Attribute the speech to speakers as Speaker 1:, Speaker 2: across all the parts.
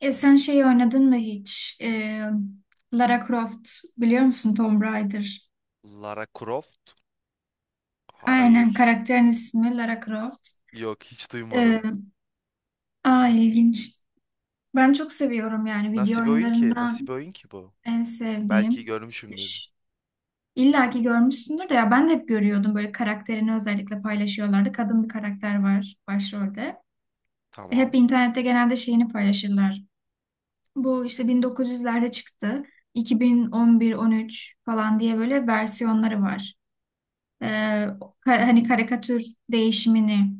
Speaker 1: Sen şeyi oynadın mı hiç? Lara Croft biliyor musun Tomb Raider?
Speaker 2: Lara Croft?
Speaker 1: Aynen
Speaker 2: Hayır.
Speaker 1: karakterin ismi Lara Croft.
Speaker 2: Yok hiç
Speaker 1: E,
Speaker 2: duymadım.
Speaker 1: Aa ilginç. Ben çok seviyorum, yani video
Speaker 2: Nasıl bir oyun ki? Nasıl
Speaker 1: oyunlarından
Speaker 2: bir oyun ki bu?
Speaker 1: en
Speaker 2: Belki
Speaker 1: sevdiğim.
Speaker 2: görmüşümdür.
Speaker 1: Ş- İlla ki görmüşsündür de, ya ben de hep görüyordum, böyle karakterini özellikle paylaşıyorlardı. Kadın bir karakter var başrolde. Hep
Speaker 2: Tamam.
Speaker 1: internette genelde şeyini paylaşırlar. Bu işte 1900'lerde çıktı. 2011-13 falan diye böyle versiyonları var. Ee, Hani karikatür değişimini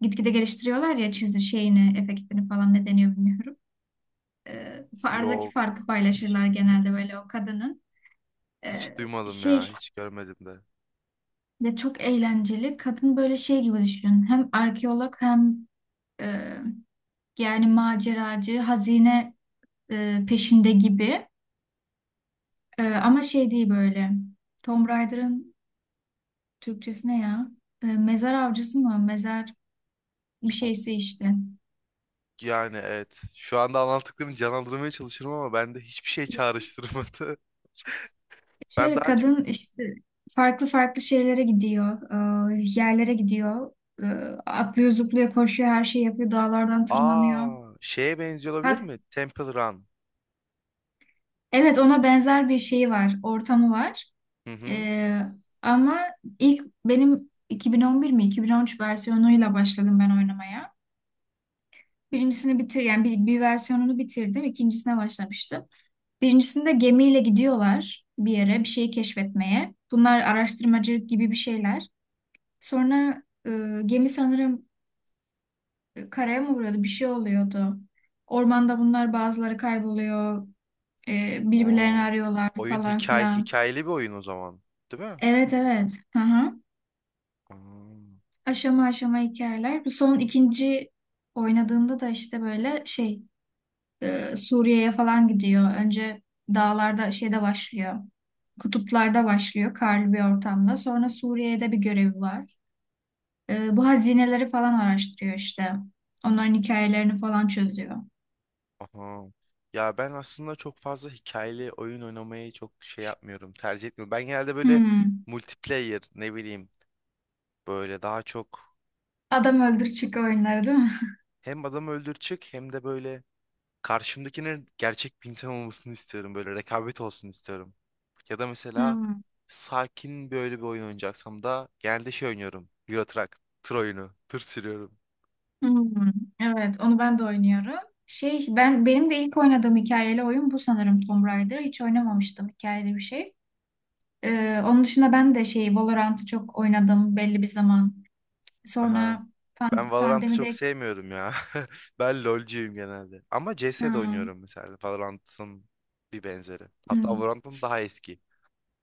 Speaker 1: gitgide geliştiriyorlar ya, çizim şeyini, efektini falan, ne deniyor bilmiyorum. Aradaki farkı
Speaker 2: Yok. Hiç,
Speaker 1: paylaşırlar genelde böyle, o kadının. Ee,
Speaker 2: hiç duymadım ya.
Speaker 1: Şey
Speaker 2: Hiç görmedim de.
Speaker 1: de çok eğlenceli. Kadın böyle şey gibi düşünün. Hem arkeolog, hem e, yani maceracı, hazine peşinde gibi. Ama şey değil böyle. Tomb Raider'ın Türkçesi ne ya? Mezar avcısı mı? Mezar bir
Speaker 2: Son-
Speaker 1: şeyse işte.
Speaker 2: Yani evet. Şu anda anlattıklarını canlandırmaya çalışıyorum ama bende hiçbir şey çağrıştırmadı. Ben
Speaker 1: Şöyle
Speaker 2: daha çok...
Speaker 1: kadın işte farklı farklı şeylere gidiyor, yerlere gidiyor, E, atlıyor, zıplıyor, koşuyor, her şeyi yapıyor, dağlardan tırmanıyor.
Speaker 2: Aa, şeye benziyor olabilir
Speaker 1: Hat,
Speaker 2: mi? Temple Run.
Speaker 1: evet, ona benzer bir şeyi var, ortamı var.
Speaker 2: Hı hı.
Speaker 1: E, ama ilk, benim 2011 mi 2013 versiyonuyla başladım ben oynamaya. Yani bir versiyonunu bitirdim, ikincisine başlamıştım. Birincisinde gemiyle gidiyorlar bir yere, bir şeyi keşfetmeye. Bunlar araştırmacı gibi bir şeyler. Sonra gemi sanırım karaya mı vuruyordu? Bir şey oluyordu. Ormanda bunlar, bazıları kayboluyor. Birbirlerini
Speaker 2: Oo.
Speaker 1: arıyorlar
Speaker 2: Oyun
Speaker 1: falan
Speaker 2: hikaye,
Speaker 1: filan.
Speaker 2: hikayeli bir oyun o zaman. Değil mi?
Speaker 1: Evet, evet. Hı hı.
Speaker 2: Aa.
Speaker 1: Aşama aşama hikayeler. Bu son ikinci oynadığımda da işte böyle şey, Suriye'ye falan gidiyor. Önce dağlarda şeyde başlıyor. Kutuplarda başlıyor, karlı bir ortamda. Sonra Suriye'de bir görevi var. Bu hazineleri falan araştırıyor işte. Onların hikayelerini falan çözüyor.
Speaker 2: Aha. Ya ben aslında çok fazla hikayeli oyun oynamayı çok şey yapmıyorum, tercih etmiyorum. Ben genelde böyle
Speaker 1: Hmm.
Speaker 2: multiplayer ne bileyim böyle daha çok
Speaker 1: Adam öldür çık oyunları değil mi?
Speaker 2: hem adam öldür çık hem de böyle karşımdakinin gerçek bir insan olmasını istiyorum. Böyle rekabet olsun istiyorum. Ya da mesela
Speaker 1: Hmm.
Speaker 2: sakin böyle bir oyun oynayacaksam da genelde şey oynuyorum. Euro Truck, tır oyunu, tır sürüyorum.
Speaker 1: Hmm. Evet, onu ben de oynuyorum. Şey, benim de ilk oynadığım hikayeli oyun bu sanırım, Tomb Raider. Hiç oynamamıştım hikayeli bir şey. Onun dışında ben de şey, Valorant'ı çok oynadım belli bir zaman.
Speaker 2: Aha.
Speaker 1: Sonra
Speaker 2: Ben
Speaker 1: pan
Speaker 2: Valorant'ı çok
Speaker 1: pandemideyken
Speaker 2: sevmiyorum ya. Ben LoL'cuyum genelde. Ama CS'de
Speaker 1: Hmm.
Speaker 2: oynuyorum mesela. Valorant'ın bir benzeri. Hatta
Speaker 1: Hmm.
Speaker 2: Valorant'ın daha eski.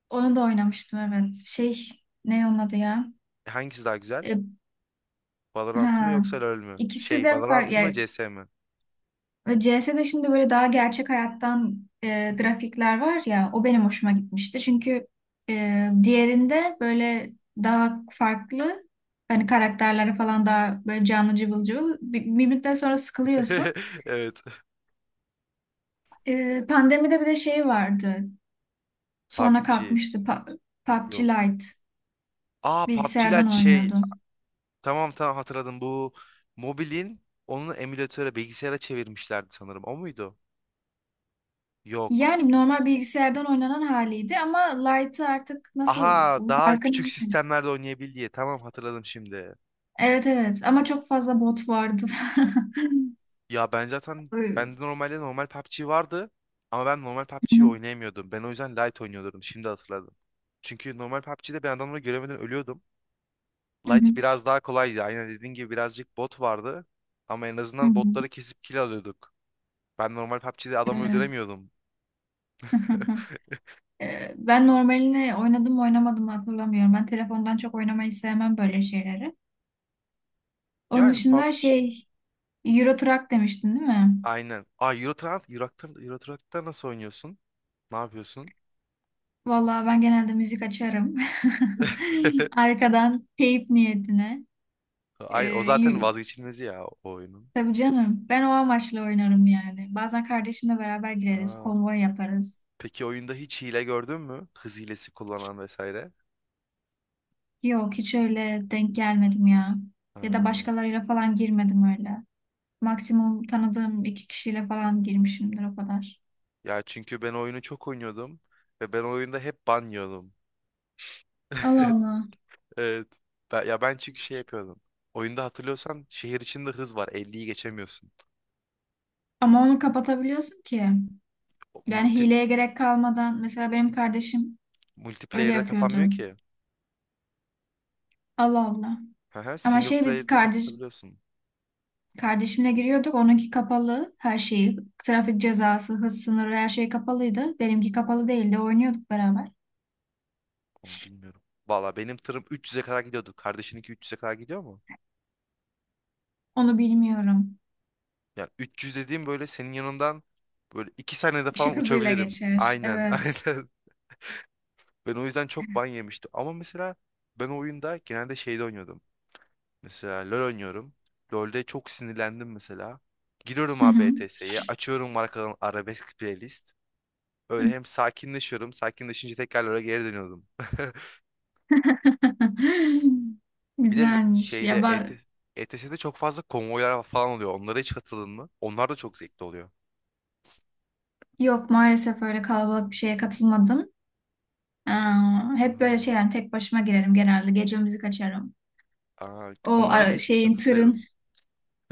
Speaker 1: Onu da oynamıştım evet. Şey, ne onun adı ya?
Speaker 2: Hangisi daha güzel?
Speaker 1: Ee,
Speaker 2: Valorant mı
Speaker 1: ha.
Speaker 2: yoksa LoL mü?
Speaker 1: İkisi
Speaker 2: Şey,
Speaker 1: de var.
Speaker 2: Valorant mı CS mi?
Speaker 1: CS'de şimdi böyle daha gerçek hayattan grafikler var ya, o benim hoşuma gitmişti. Çünkü diğerinde böyle daha farklı, hani karakterlere falan, daha böyle canlı cıvıl cıvıl, bir müddet sonra sıkılıyorsun.
Speaker 2: Evet.
Speaker 1: Pandemide bir de şey vardı, sonra
Speaker 2: PUBG.
Speaker 1: kalkmıştı. PUBG
Speaker 2: Yok.
Speaker 1: Lite,
Speaker 2: Aa PUBG'ler
Speaker 1: bilgisayardan
Speaker 2: şey.
Speaker 1: oynuyordu.
Speaker 2: Tamam tamam hatırladım. Bu mobilin onu emülatöre bilgisayara çevirmişlerdi sanırım. O muydu? Yok.
Speaker 1: Yani normal bilgisayardan oynanan haliydi, ama Lite'ı artık nasıl,
Speaker 2: Aha daha
Speaker 1: farkını
Speaker 2: küçük
Speaker 1: bilmiyorum.
Speaker 2: sistemlerde oynayabil diye. Tamam hatırladım şimdi.
Speaker 1: Evet, evet, ama çok fazla bot vardı.
Speaker 2: Ya ben zaten
Speaker 1: Iı,
Speaker 2: bende normalde normal PUBG vardı ama ben normal
Speaker 1: Hı
Speaker 2: PUBG'yi
Speaker 1: hı,
Speaker 2: oynayamıyordum. Ben o yüzden Lite oynuyordum. Şimdi hatırladım. Çünkü normal PUBG'de ben adamları göremeden ölüyordum.
Speaker 1: hı hı,
Speaker 2: Lite biraz daha kolaydı. Aynen dediğin gibi birazcık bot vardı. Ama en
Speaker 1: hı
Speaker 2: azından
Speaker 1: hı.
Speaker 2: botları kesip kill alıyorduk. Ben normal PUBG'de adamı
Speaker 1: Evet.
Speaker 2: öldüremiyordum.
Speaker 1: Ben normalini oynadım mı oynamadım mı hatırlamıyorum. Ben telefondan çok oynamayı sevmem böyle şeyleri. Onun
Speaker 2: Yani
Speaker 1: dışında
Speaker 2: PUBG
Speaker 1: şey, Euro Truck demiştin değil mi?
Speaker 2: aynen. Aa Euro Truck, Euro Truck'ta nasıl oynuyorsun? Ne yapıyorsun?
Speaker 1: Vallahi ben genelde müzik açarım. Arkadan, teyp niyetine. Ee,
Speaker 2: Ay o zaten
Speaker 1: y-
Speaker 2: vazgeçilmezi ya o oyunun.
Speaker 1: tabii canım, ben o amaçla oynarım yani. Bazen kardeşimle beraber gireriz,
Speaker 2: Aa.
Speaker 1: konvoy yaparız.
Speaker 2: Peki oyunda hiç hile gördün mü? Hız hilesi kullanan vesaire.
Speaker 1: Yok, hiç öyle denk gelmedim ya.
Speaker 2: Ha.
Speaker 1: Ya da başkalarıyla falan girmedim öyle. Maksimum tanıdığım iki kişiyle falan girmişimdir, o kadar.
Speaker 2: Ya çünkü ben oyunu çok oynuyordum ve ben oyunda hep ban yiyordum.
Speaker 1: Allah Allah.
Speaker 2: Evet. Ya ben çünkü şey yapıyordum. Oyunda hatırlıyorsan şehir içinde hız var. 50'yi geçemiyorsun.
Speaker 1: Ama onu kapatabiliyorsun ki.
Speaker 2: O
Speaker 1: Yani
Speaker 2: Multi,
Speaker 1: hileye gerek kalmadan, mesela benim kardeşim öyle
Speaker 2: multiplayer'de
Speaker 1: yapıyordu.
Speaker 2: kapanmıyor ki.
Speaker 1: Allah Allah.
Speaker 2: Hı hı,
Speaker 1: Ama
Speaker 2: Single
Speaker 1: şey, biz
Speaker 2: player'de
Speaker 1: kardeş
Speaker 2: kapatabiliyorsun.
Speaker 1: kardeşimle giriyorduk. Onunki kapalı her şeyi. Trafik cezası, hız sınırı, her şey kapalıydı. Benimki kapalı değildi. Oynuyorduk beraber.
Speaker 2: Onu bilmiyorum. Valla benim tırım 300'e kadar gidiyordu. Kardeşininki 300'e kadar gidiyor mu?
Speaker 1: Onu bilmiyorum.
Speaker 2: Yani 300 dediğim böyle senin yanından böyle 2 saniyede falan
Speaker 1: Işık hızıyla
Speaker 2: uçabilirim.
Speaker 1: geçer.
Speaker 2: Aynen,
Speaker 1: Evet.
Speaker 2: aynen. Ben o yüzden çok ban yemiştim. Ama mesela ben o oyunda genelde şeyde oynuyordum. Mesela LoL oynuyorum. LoL'de çok sinirlendim mesela. Giriyorum
Speaker 1: Hı
Speaker 2: abi
Speaker 1: hı.
Speaker 2: ETS'ye açıyorum markanın arabesk playlist. Öyle hem sakinleşiyorum, sakinleşince tekrar LoL'e geri dönüyordum. Bir de
Speaker 1: Güzelmiş.
Speaker 2: şeyde
Speaker 1: Ya bak.
Speaker 2: ETS'de çok fazla konvoylar falan oluyor. Onlara hiç katıldın mı? Onlar da çok zevkli oluyor.
Speaker 1: Yok, maalesef öyle kalabalık bir şeye katılmadım. Ee, Hep böyle
Speaker 2: Aa,
Speaker 1: şey, yani tek başıma girerim genelde. Gece müzik açarım.
Speaker 2: aa, onlara keşke
Speaker 1: Şeyin tırın,
Speaker 2: katılsaydın.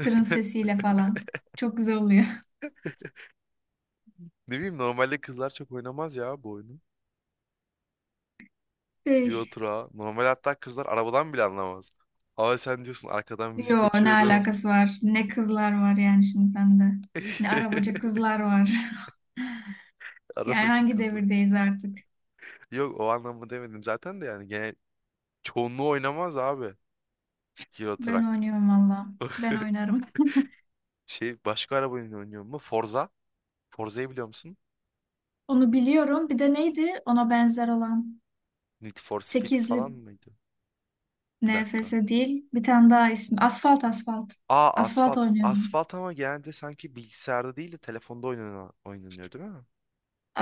Speaker 1: tırın sesiyle falan. Çok güzel oluyor.
Speaker 2: Ne bileyim normalde kızlar çok oynamaz ya bu oyunu. Euro
Speaker 1: Şey,
Speaker 2: Truck'a. Normal hatta kızlar arabadan bile anlamaz. Ama sen diyorsun arkadan müzik
Speaker 1: yo ne
Speaker 2: açıyorum.
Speaker 1: alakası var? Ne kızlar var yani şimdi sende. Ne arabacı kızlar var. Yani
Speaker 2: araba için
Speaker 1: hangi
Speaker 2: kızlar.
Speaker 1: devirdeyiz artık?
Speaker 2: Yok o anlamı demedim zaten de yani genel çoğunluğu oynamaz abi Euro
Speaker 1: Ben
Speaker 2: Truck.
Speaker 1: oynuyorum valla. Ben oynarım.
Speaker 2: Şey başka araba oyunu oynuyor mu? Forza. Forza'yı biliyor musun?
Speaker 1: Onu biliyorum. Bir de neydi ona benzer olan?
Speaker 2: Need for Speed
Speaker 1: Sekizli
Speaker 2: falan mıydı?
Speaker 1: N
Speaker 2: Bir
Speaker 1: F
Speaker 2: dakika.
Speaker 1: S değil. Bir tane daha ismi. Asfalt, asfalt.
Speaker 2: Aa
Speaker 1: Asfalt
Speaker 2: asfalt.
Speaker 1: oynuyordum.
Speaker 2: Asfalt ama genelde sanki bilgisayarda değil de telefonda oynanıyor değil mi?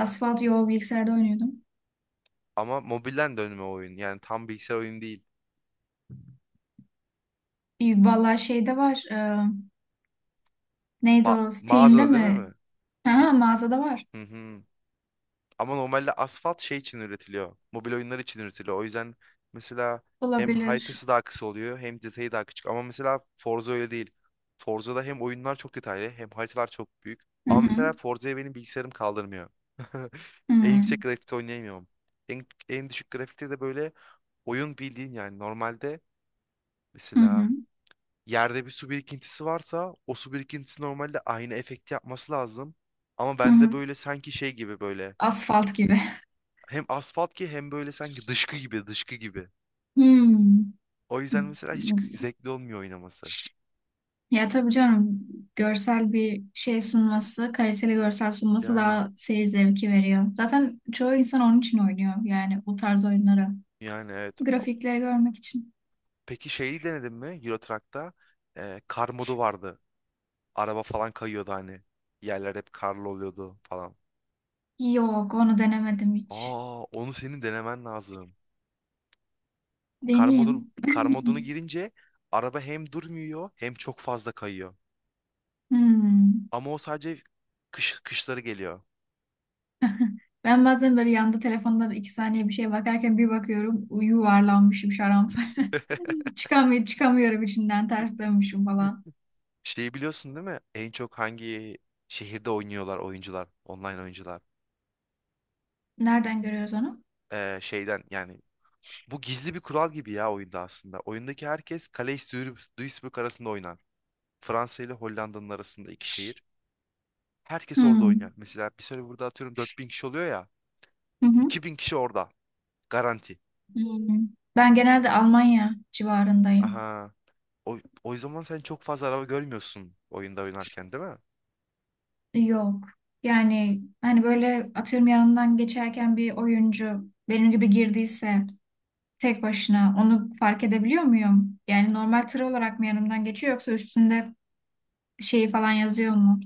Speaker 1: Asfalt, yo bilgisayarda oynuyordum.
Speaker 2: Ama mobilden dönme oyun. Yani tam bilgisayar oyunu değil.
Speaker 1: İyi. Vallahi şeyde var, neydi o? Steam'de
Speaker 2: Mağazada değil mi?
Speaker 1: mi?
Speaker 2: mi? Bir
Speaker 1: Ha, mağazada var.
Speaker 2: Hı hı. Ama normalde asfalt şey için üretiliyor. Mobil oyunlar için üretiliyor. O yüzden mesela hem
Speaker 1: Olabilir.
Speaker 2: haritası daha kısa oluyor hem detayı daha küçük. Ama mesela Forza öyle değil. Forza'da hem oyunlar çok detaylı hem haritalar çok büyük.
Speaker 1: Hı
Speaker 2: Ama mesela
Speaker 1: hı.
Speaker 2: Forza'ya benim bilgisayarım kaldırmıyor.
Speaker 1: Hı
Speaker 2: En yüksek grafikte oynayamıyorum. En düşük grafikte de böyle oyun bildiğin yani normalde mesela
Speaker 1: hı.
Speaker 2: yerde bir su birikintisi varsa o su birikintisi normalde aynı efekti yapması lazım. Ama
Speaker 1: Hı
Speaker 2: bende
Speaker 1: hı.
Speaker 2: böyle sanki şey gibi böyle
Speaker 1: Asfalt gibi.
Speaker 2: hem asfalt ki hem böyle sanki dışkı gibi dışkı gibi.
Speaker 1: Hmm.
Speaker 2: O yüzden mesela hiç zevkli olmuyor oynaması.
Speaker 1: Ya tabii canım, görsel bir şey sunması, kaliteli görsel sunması,
Speaker 2: Yani
Speaker 1: daha seyir zevki veriyor. Zaten çoğu insan onun için oynuyor, yani o tarz oyunları.
Speaker 2: yani evet.
Speaker 1: Grafikleri görmek için.
Speaker 2: Peki şeyi denedin mi Euro Truck'ta? Kar modu vardı. Araba falan kayıyordu hani. Yerler hep karlı oluyordu falan.
Speaker 1: Yok, onu denemedim hiç.
Speaker 2: Aa onu senin denemen lazım. Kar modunu,
Speaker 1: Deneyeyim.
Speaker 2: kar modunu girince araba hem durmuyor hem çok fazla kayıyor.
Speaker 1: Hmm.
Speaker 2: Ama o sadece kışları geliyor.
Speaker 1: Ben bazen böyle yanda telefonda 2 saniye bir şey bakarken, bir bakıyorum yuvarlanmışım şaranfa. Çıkamıyorum, çıkamıyorum içinden, ters dönmüşüm falan.
Speaker 2: Şeyi biliyorsun değil mi? En çok hangi şehirde oynuyorlar oyuncular, online oyuncular?
Speaker 1: Nereden görüyoruz onu?
Speaker 2: Şeyden yani bu gizli bir kural gibi ya oyunda aslında. Oyundaki herkes Calais Duisburg arasında oynar. Fransa ile Hollanda'nın arasında iki şehir. Herkes orada
Speaker 1: Hmm.
Speaker 2: oynar. Mesela bir serverda burada atıyorum 4.000 kişi oluyor ya.
Speaker 1: Hı hı.
Speaker 2: 2.000 kişi orada. Garanti.
Speaker 1: Hmm. Ben genelde Almanya civarındayım.
Speaker 2: Aha. O zaman sen çok fazla araba görmüyorsun oyunda oynarken değil mi?
Speaker 1: Yok. Yani hani, böyle atıyorum yanından geçerken bir oyuncu benim gibi girdiyse, tek başına onu fark edebiliyor muyum? Yani normal tır olarak mı yanımdan geçiyor, yoksa üstünde şeyi falan yazıyor mu?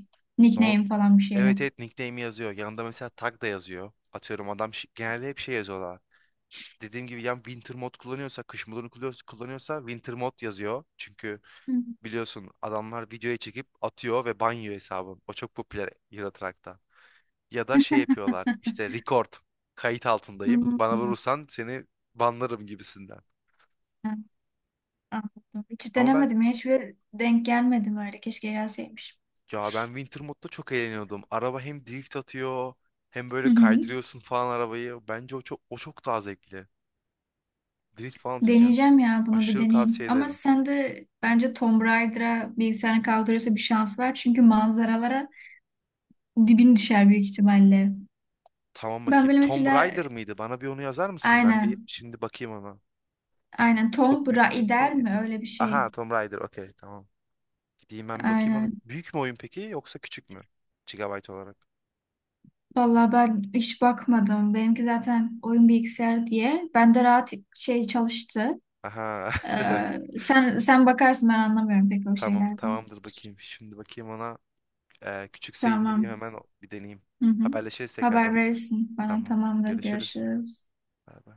Speaker 2: Nor-
Speaker 1: Nickname falan bir şeyle.
Speaker 2: evet evet nickname yazıyor. Yanında mesela tag da yazıyor. Atıyorum adam genelde hep şey yazıyorlar. Dediğim gibi ya winter mod kullanıyorsa, kış modunu kullanıyorsa winter mod yazıyor. Çünkü
Speaker 1: Hmm.
Speaker 2: biliyorsun adamlar videoya çekip atıyor ve banyo hesabın. O çok popüler Euro. Ya da şey yapıyorlar işte record. Kayıt altındayım. Bana
Speaker 1: Hmm.
Speaker 2: vurursan seni banlarım gibisinden.
Speaker 1: An- Anladım. Hiç
Speaker 2: Ama ben
Speaker 1: denemedim ya. Hiçbir denk gelmedim öyle. Keşke gelseymiş.
Speaker 2: Ya ben Winter modda çok eğleniyordum. Araba hem drift atıyor hem böyle
Speaker 1: Hı hı.
Speaker 2: kaydırıyorsun falan arabayı. Bence o çok daha zevkli. Drift falan atıyorsun yani.
Speaker 1: Deneyeceğim ya, bunu bir
Speaker 2: Aşırı
Speaker 1: deneyeyim.
Speaker 2: tavsiye
Speaker 1: Ama
Speaker 2: ederim.
Speaker 1: sen de bence Tomb Raider'a bilgisayarını kaldırıyorsa, bir şans var. Çünkü manzaralara dibin düşer büyük ihtimalle.
Speaker 2: Tamam
Speaker 1: Ben
Speaker 2: bakayım.
Speaker 1: böyle
Speaker 2: Tomb
Speaker 1: mesela,
Speaker 2: Raider mıydı? Bana bir onu yazar mısın? Ben bir
Speaker 1: aynen,
Speaker 2: şimdi bakayım ona.
Speaker 1: aynen Tomb
Speaker 2: Çok büyük değilse.
Speaker 1: Raider mi, öyle bir şey.
Speaker 2: Aha Tomb Raider okey tamam. Diyeyim ben bir bakayım onu.
Speaker 1: Aynen.
Speaker 2: Büyük mü oyun peki yoksa küçük mü? Gigabyte olarak.
Speaker 1: Vallahi ben hiç bakmadım. Benimki zaten oyun bilgisayarı diye. Bende rahat şey çalıştı.
Speaker 2: Aha.
Speaker 1: Sen bakarsın, ben anlamıyorum pek o
Speaker 2: Tamam
Speaker 1: şeylerden.
Speaker 2: tamamdır bakayım. Şimdi bakayım ona. Küçükse indireyim
Speaker 1: Tamam.
Speaker 2: hemen bir deneyeyim.
Speaker 1: Hı hı.
Speaker 2: Haberleşiriz
Speaker 1: Haber
Speaker 2: tekrardan.
Speaker 1: verirsin bana.
Speaker 2: Tamam.
Speaker 1: Tamamdır.
Speaker 2: Görüşürüz.
Speaker 1: Görüşürüz.
Speaker 2: Bay bay.